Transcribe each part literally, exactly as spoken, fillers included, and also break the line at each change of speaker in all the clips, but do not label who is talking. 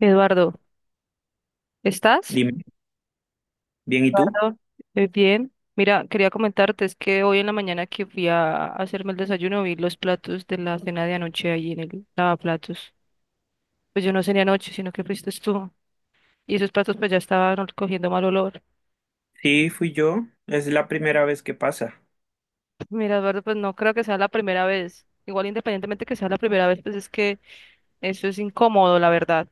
Eduardo, ¿estás?
Dime, bien, ¿y tú?
Eduardo. Eh, bien. Mira, quería comentarte, es que hoy en la mañana que fui a hacerme el desayuno vi los platos de la cena de anoche ahí en el lavaplatos. Pues yo no cené anoche, sino que fuiste tú. Y esos platos pues ya estaban cogiendo mal olor.
Sí, fui yo. Es la primera vez que pasa.
Mira, Eduardo, pues no creo que sea la primera vez. Igual independientemente que sea la primera vez, pues es que eso es incómodo, la verdad.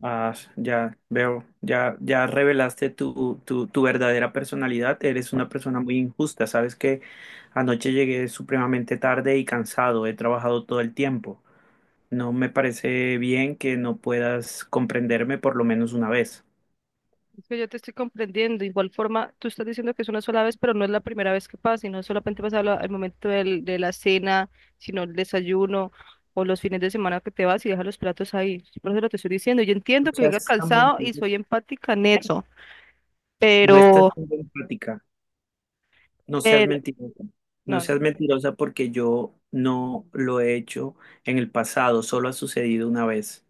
Ah, ya veo, ya, ya revelaste tu, tu, tu verdadera personalidad. Eres una persona muy injusta. Sabes que anoche llegué supremamente tarde y cansado. He trabajado todo el tiempo. No me parece bien que no puedas comprenderme por lo menos una vez.
Es que yo te estoy comprendiendo. De igual forma, tú estás diciendo que es una sola vez, pero no es la primera vez que pasa, y no solamente pasa la- al momento del- de la cena, sino el desayuno o los fines de semana que te vas y dejas los platos ahí. Por eso lo te estoy diciendo. Yo
No
entiendo que vengas
seas tan
cansado y
mentiroso.
soy empática en eso,
No estás
pero
siendo empática. No seas
el,
mentirosa, no
no, no.
seas mentirosa porque yo no lo he hecho en el pasado, solo ha sucedido una vez.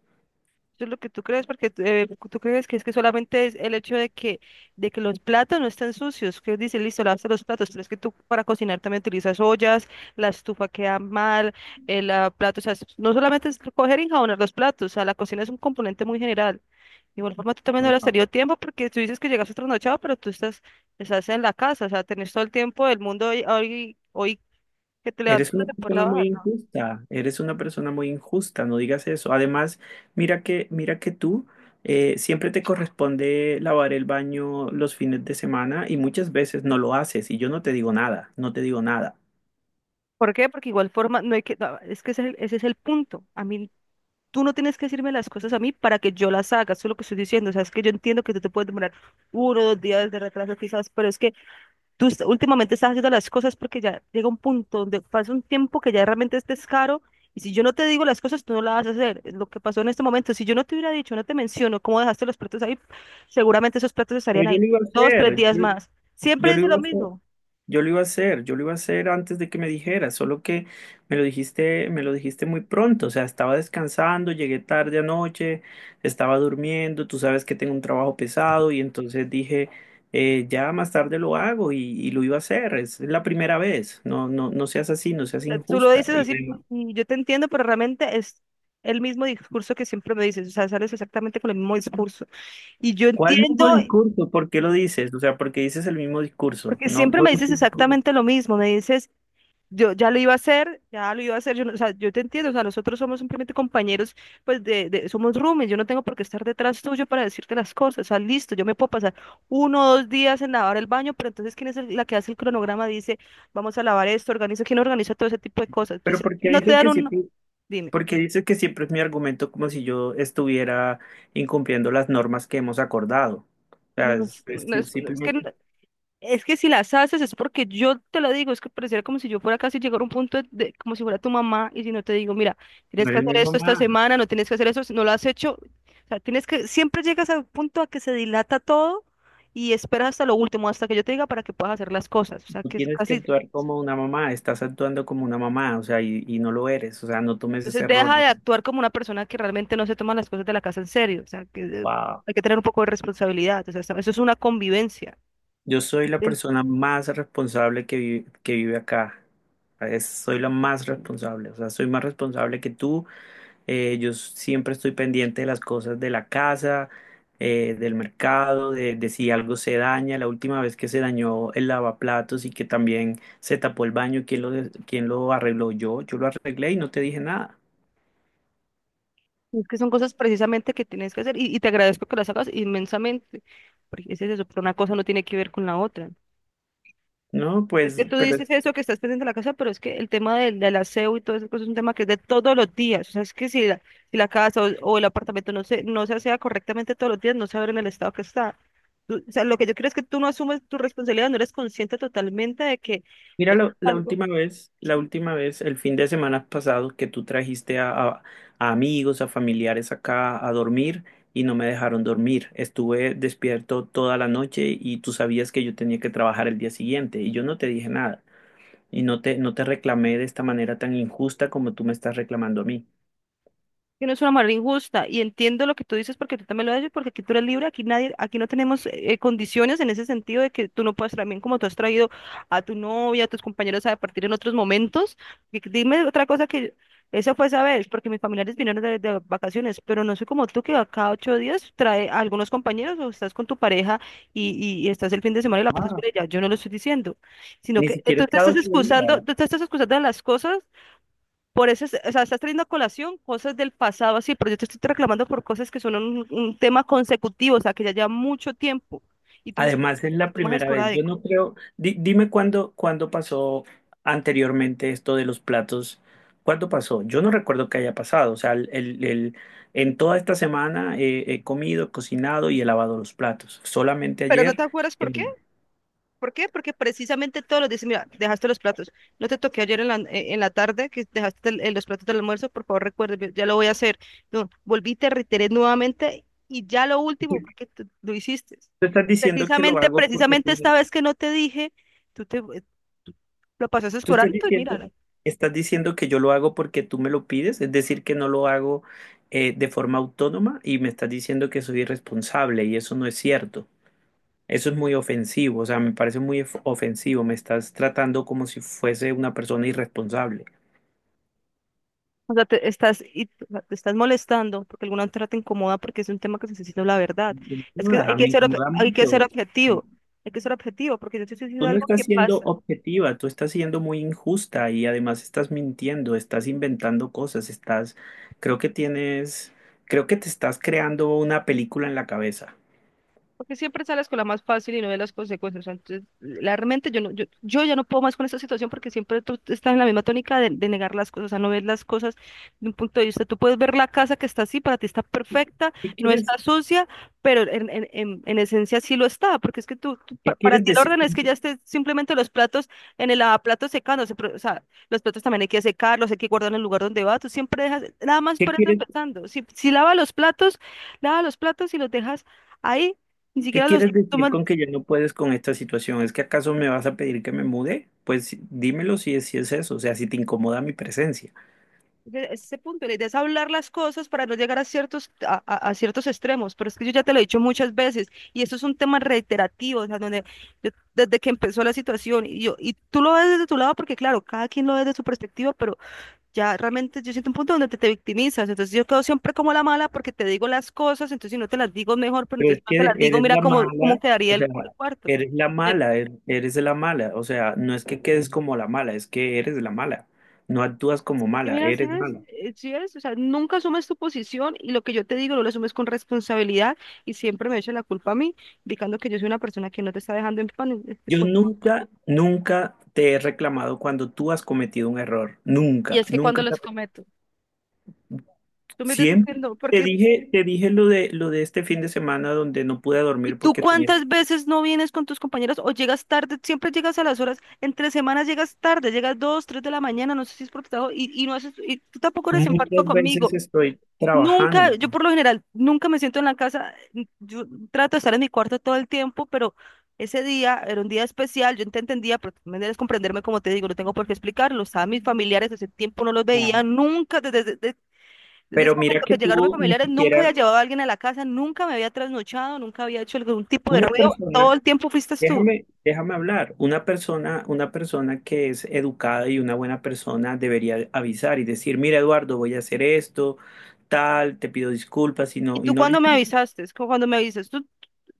Eso es lo que tú crees, porque tú eh, tú crees que es que solamente es el hecho de que, de que los platos no están sucios, que dice, listo, lavaste los platos, pero es que tú para cocinar también utilizas ollas, la estufa queda mal, el plato, o sea, es- no solamente es coger y enjabonar los platos, o sea, la cocina es un componente muy general. De igual forma, tú también no le has
Ajá.
tenido tiempo porque tú dices que llegas trasnochado, pero tú estás, estás en la casa, o sea, tenés todo el tiempo del mundo hoy, hoy, hoy que te levantas
Eres una
para poder
persona muy
lavar.
injusta, eres una persona muy injusta, no digas eso. Además, mira que, mira que tú eh, siempre te corresponde lavar el baño los fines de semana y muchas veces no lo haces y yo no te digo nada, no te digo nada.
¿Por qué? Porque igual forma, no hay que, no, es que ese es el, ese es el punto. A mí tú no tienes que decirme las cosas a mí para que yo las haga, eso es lo que estoy diciendo. O sea, es que yo entiendo que tú te puedes demorar uno o dos días de retraso quizás, pero es que tú est- últimamente estás haciendo las cosas porque ya llega un punto donde pasa un tiempo que ya realmente es descaro y si yo no te digo las cosas, tú no las vas a hacer. Es lo que pasó en este momento, si yo no te hubiera dicho, no te menciono cómo dejaste los platos ahí, seguramente esos platos
Pero
estarían
yo
ahí
lo iba a
dos, tres
hacer,
días
yo,
más. Siempre
yo lo
dice
iba
lo
a hacer.
mismo.
Yo lo iba a hacer, yo lo iba a hacer antes de que me dijeras, solo que me lo dijiste, me lo dijiste muy pronto, o sea, estaba descansando, llegué tarde anoche, estaba durmiendo, tú sabes que tengo un trabajo pesado y entonces dije, eh, ya más tarde lo hago y, y lo iba a hacer, es la primera vez, no, no, no seas así, no
O
seas
sea, tú lo
injusta.
dices
Y
así pues,
además,
y yo te entiendo, pero realmente es el mismo discurso que siempre me dices, o sea, sales exactamente con el mismo discurso. Y yo
¿cuál
entiendo.
mismo discurso? ¿Por qué lo
Sí.
dices? O sea, ¿por qué dices el mismo discurso?
Porque
No,
siempre
no,
me dices
entiendo por qué.
exactamente lo mismo, me dices, yo ya lo iba a hacer, ya lo iba a hacer, yo, no- o sea, yo te entiendo, o sea, nosotros somos simplemente compañeros, pues de, de- somos roomies, yo no tengo por qué estar detrás tuyo para decirte las cosas, o sea, listo, yo me puedo pasar uno o dos días en lavar el baño, pero entonces, ¿quién es el- la que hace el cronograma? Dice, vamos a lavar esto, organiza, ¿quién organiza todo ese tipo de cosas?
Pero
Entonces,
¿por
si
qué
no te
dices
dan
que
un,
sí?
no, dime,
Porque dice que siempre es mi argumento como si yo estuviera incumpliendo las normas que hemos acordado. O
no,
sea,
es
es- es
no
si-
es- no es que
simplemente no
es que si las haces es porque yo te lo digo, es que pareciera como si yo fuera casi llegar a un punto de, como si fuera tu mamá y si no te digo, mira, tienes
no
que
eres mi
hacer esto esta
mamá.
semana, no tienes que hacer eso, si no lo has hecho, o sea, tienes que, siempre llegas al punto a que se dilata todo y esperas hasta lo último, hasta que yo te diga para que puedas hacer las cosas, o sea,
Tú
que es
tienes que
casi,
actuar como una mamá. Estás actuando como una mamá, o sea, y, y no lo eres. O sea, no tomes
entonces
ese
deja de
rol.
actuar como una persona que realmente no se toma las cosas de la casa en serio, o sea, que eh,
Wow.
hay que tener un poco de responsabilidad, o sea, eso eso es una convivencia.
Yo soy la persona más responsable que vive, que vive acá. Es- soy la más responsable. O sea, soy más responsable que tú. Eh, yo s- siempre estoy pendiente de las cosas de la casa, eh, del mercado, de, de si algo se daña. La última vez que se dañó el lavaplatos y que también se tapó el baño, ¿quién lo, ¿quién lo arregló? Yo, yo lo arreglé y no te dije nada.
Es que son cosas precisamente que tienes que hacer y, y te agradezco que las hagas inmensamente, porque es eso, pero una cosa no tiene que ver con la otra.
No,
Es que
pues,
tú
pero
dices eso que estás pendiente de la casa, pero es que el tema del, del aseo y todo eso pues, es un tema que es de todos los días. O sea, es que si la, si la casa o, o el apartamento no se, no se asea correctamente todos los días, no se abre en el estado que está. Tú- o sea, lo que yo creo es que tú no asumes tu responsabilidad, no eres consciente totalmente de que
mira,
es
la, la
algo.
última vez, la última vez, el fin de semana pasado, que tú trajiste a, a- a amigos, a familiares acá a dormir y no me dejaron dormir. Estuve despierto toda la noche y tú sabías que yo tenía que trabajar el día siguiente y yo no te dije nada y no te, no te reclamé de esta manera tan injusta como tú me estás reclamando a mí.
Que no es una manera injusta. Y entiendo lo que tú dices porque tú también lo has porque aquí tú eres libre, aquí nadie, aquí no tenemos eh, condiciones en ese sentido de que tú no puedes también como tú has traído a tu novia, a tus compañeros a partir en otros momentos. Y que- dime otra cosa que esa fue esa vez, porque mis familiares vinieron de, de vacaciones, pero no soy como tú que a cada ocho días trae a algunos compañeros o estás con tu pareja y, y, y estás el fin de semana y la pasas
Ah.
con ella. Yo no lo estoy diciendo, sino
Ni
que eh,
siquiera
tú
es
te
cada
estás
ocho
excusando,
días.
tú te estás excusando de las cosas por eso, es- o sea, estás trayendo a colación cosas del pasado así, pero yo te estoy reclamando por cosas que son un, un tema consecutivo, o sea, que ya lleva mucho tiempo y tú me estás
Además, es
por
la
temas
primera vez. Yo no
esporádicos.
creo. Di- dime cuándo, cuándo pasó anteriormente esto de los platos. ¿Cuándo pasó? Yo no recuerdo que haya pasado. O sea, el, el- el- en toda esta semana eh, he comido, cocinado y he lavado los platos. Solamente
¿Pero no
ayer.
te acuerdas por
eh,
qué? ¿Por qué? Porque precisamente todos los días, mira, dejaste los platos. No te toqué ayer en la, eh, en la tarde que dejaste el- eh, los platos del almuerzo, por favor recuerde, ya lo voy a hacer. No, volví, te reiteré nuevamente y ya lo
tú
último, porque tú lo hiciste.
tú estás diciendo que lo
Precisamente,
hago porque
precisamente
tú
esta
me-
vez que no te dije, tú te eh, tú lo pasaste
tú
por
estás
alto y mira.
diciendo,
¿No?
estás diciendo que yo lo hago porque tú me lo pides. Es decir, que no lo hago, eh, de forma autónoma y me estás diciendo que soy irresponsable y eso no es cierto. Eso es muy ofensivo, o sea, me parece muy of- ofensivo, me estás tratando como si fuese una persona irresponsable.
O sea, te estás, y- o sea, te estás molestando porque alguna otra te incomoda porque es un tema que se necesita la verdad.
No
Es que hay
jodas, me
que ser, ob-
incomoda
hay que ser
mucho.
objetivo, hay que ser objetivo porque yo te estoy
Tú
diciendo
no
algo
estás
que
siendo
pasa.
objetiva, tú estás siendo muy injusta y además estás mintiendo, estás inventando cosas, estás, Creo que tienes, creo que te estás creando una película en la cabeza.
Porque siempre sales con la más fácil y no ves las consecuencias. Entonces, la- realmente yo, no, yo, yo ya no puedo más con esta situación porque siempre tú estás en la misma tónica de, de negar las cosas, o sea, no ves las cosas de un punto de vista. Tú puedes ver la casa que está así, para ti está perfecta,
¿Qué
no
quieres,
está sucia, pero en, en, en, en esencia sí lo está, porque es que tú, tú-
¿qué
pa- para
quieres
ti el
decir?
orden es
con
que ya
que-
esté simplemente los platos en el lavaplatos secándose, pero, o sea, los platos también hay que secarlos, hay que guardar en el lugar donde va, tú siempre dejas, nada más
¿Qué,
por eso
quieres
empezando. Si, si lava los platos, lava los platos y los dejas ahí ni
¿Qué
siquiera los
quieres decir
toman
con que ya no puedes con esta situación? ¿Es que acaso me vas a pedir que me mude? Pues sí, dímelo si es, si es eso, o sea, si te incomoda mi presencia.
de ese punto. La idea es hablar las cosas para no llegar a ciertos, a, a- a ciertos extremos. Pero es que yo ya te lo he dicho muchas veces y esto es un tema reiterativo, o sea, donde yo- desde que empezó la situación y yo, y tú lo ves desde tu lado porque claro, cada quien lo ve desde su perspectiva, pero ya realmente yo siento un punto donde te, te victimizas. Entonces yo quedo siempre como la mala porque te digo las cosas, entonces si no te las digo es mejor, pero
Pero
entonces
es
si no te las
que
digo,
eres
mira
la
cómo, cómo
mala,
quedaría
o
el,
sea,
cu- el cuarto.
eres la
Eh,
mala, er- eres la mala, o sea, no es que quedes como la mala, es que eres la mala. No actúas como
Y
mala,
mira, si
eres
ves,
mala.
eh, si ves, o sea, nunca asumes tu posición y lo que yo te digo no lo asumes con responsabilidad y siempre me echa la culpa a mí, indicando que yo soy una persona que no te está dejando en pan. Este,
Yo
pues,
nunca, nunca te he reclamado cuando tú has cometido un error.
y
Nunca,
es que
nunca
cuando
te he-
los
reclamado.
cometo, tú me estás
Siempre
diciendo,
te
porque,
dije, te dije lo de, lo de este fin de semana donde no pude
¿y
dormir
tú
porque tenía...
cuántas veces no vienes con tus compañeros o llegas tarde? Siempre llegas a las horas, entre semanas llegas tarde, llegas dos, tres de la mañana, no sé si es por trabajo, y, y no haces, y tú tampoco eres empático
Muchas veces
conmigo.
estoy
Nunca,
trabajando,
yo por lo general, nunca me siento en la casa. n- Yo trato de estar en mi cuarto todo el tiempo, pero ese día era un día especial. Yo te entendía, pero tú me debes comprenderme, como te digo, no tengo por qué explicarlo. Estaban mis familiares, ese tiempo no los veía,
¿no?
nunca, desde, desde, desde- desde ese
Pero mira
momento
que
que llegaron mis
tú ni
familiares, nunca
siquiera
había llevado a alguien a la casa, nunca me había trasnochado, nunca había hecho algún tipo de
una
ruido. Todo
persona,
el tiempo fuiste tú.
déjame, déjame hablar, una persona, una persona que es educada y una buena persona debería avisar y decir, mira, Eduardo, voy a hacer esto, tal, te pido disculpas y
¿Y
no, y
tú
no lo
cuando me
hice,
avisaste? Es como cuando me avisas, tú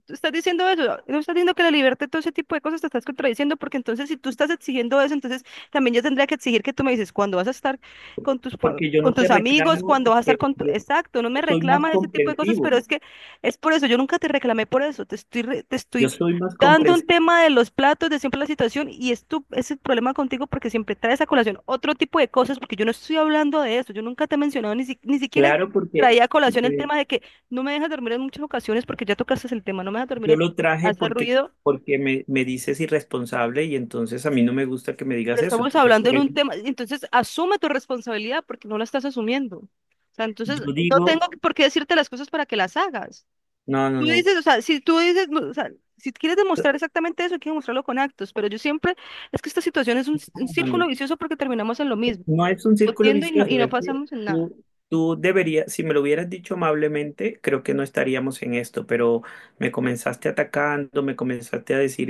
estás diciendo eso, no estás diciendo que la libertad, todo ese tipo de cosas te estás contradiciendo, porque entonces si tú estás exigiendo eso, entonces también yo tendría que exigir que tú me dices cuándo vas a estar con tus, pa-
porque yo
con
no te
tus amigos,
reclamo,
cuándo vas a estar
porque
con tu...
yo
Exacto, no me
soy más
reclamas ese tipo de cosas,
comprensivo,
pero es que es por eso, yo nunca te reclamé por eso, te estoy, re- te
yo
estoy
soy más
dando un
comprensivo,
tema de los platos, de siempre la situación, y es tu, es el problema contigo porque siempre traes a colación otro tipo de cosas, porque yo no estoy hablando de eso, yo nunca te he mencionado, ni, si- ni siquiera
claro, porque,
traía a colación el
porque
tema de que no me dejas dormir en muchas ocasiones porque ya tocaste el tema, no me dejas dormir,
yo
en-
lo traje
hace
porque,
ruido,
porque me, me dices irresponsable y entonces a mí no me gusta que me digas
pero
eso.
estamos
Entonces,
hablando
por
en
eso
un tema, entonces asume tu responsabilidad porque no la estás asumiendo. O sea, entonces
yo
no
digo,
tengo por qué decirte las cosas para que las hagas.
no, no,
Tú
no,
dices, o sea, si tú dices, no, o sea, si quieres demostrar exactamente eso, hay que demostrarlo con actos, pero yo siempre, es que esta situación es un, c- un
no, no. No,
círculo vicioso porque terminamos en lo mismo,
no es un círculo
discutiendo y no, y
vicioso,
no
es que
pasamos en nada.
tú, tú deberías, si me lo hubieras dicho amablemente, creo que no estaríamos en esto, pero me comenzaste atacando, me comenzaste a decir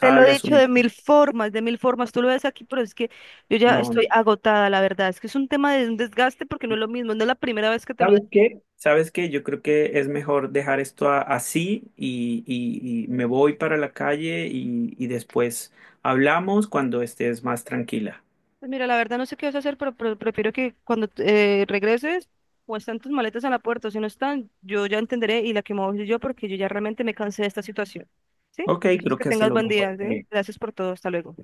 Te lo he dicho
asumir.
de mil formas, de mil formas. Tú lo ves aquí, pero es que yo ya
No,
estoy
no.
agotada, la verdad. Es que es un tema de un desgaste porque no es lo mismo. No es la primera vez que te lo
¿Sabes
digo.
qué? ¿Sabes qué? Yo creo que es mejor dejar esto a- así y, y- y me voy para la calle y, y después hablamos cuando estés más tranquila.
Pues mira, la verdad no sé qué vas a hacer, pero, pero prefiero que cuando eh, regreses o están tus maletas en la puerta o si no están, yo ya entenderé y la que me voy soy yo porque yo ya realmente me cansé de esta situación. ¿Sí?
Ok,
Entonces
creo
que
que hace
tengas
lo
buen
mejor.
día, ¿sí?
También.
Gracias por todo. Hasta luego.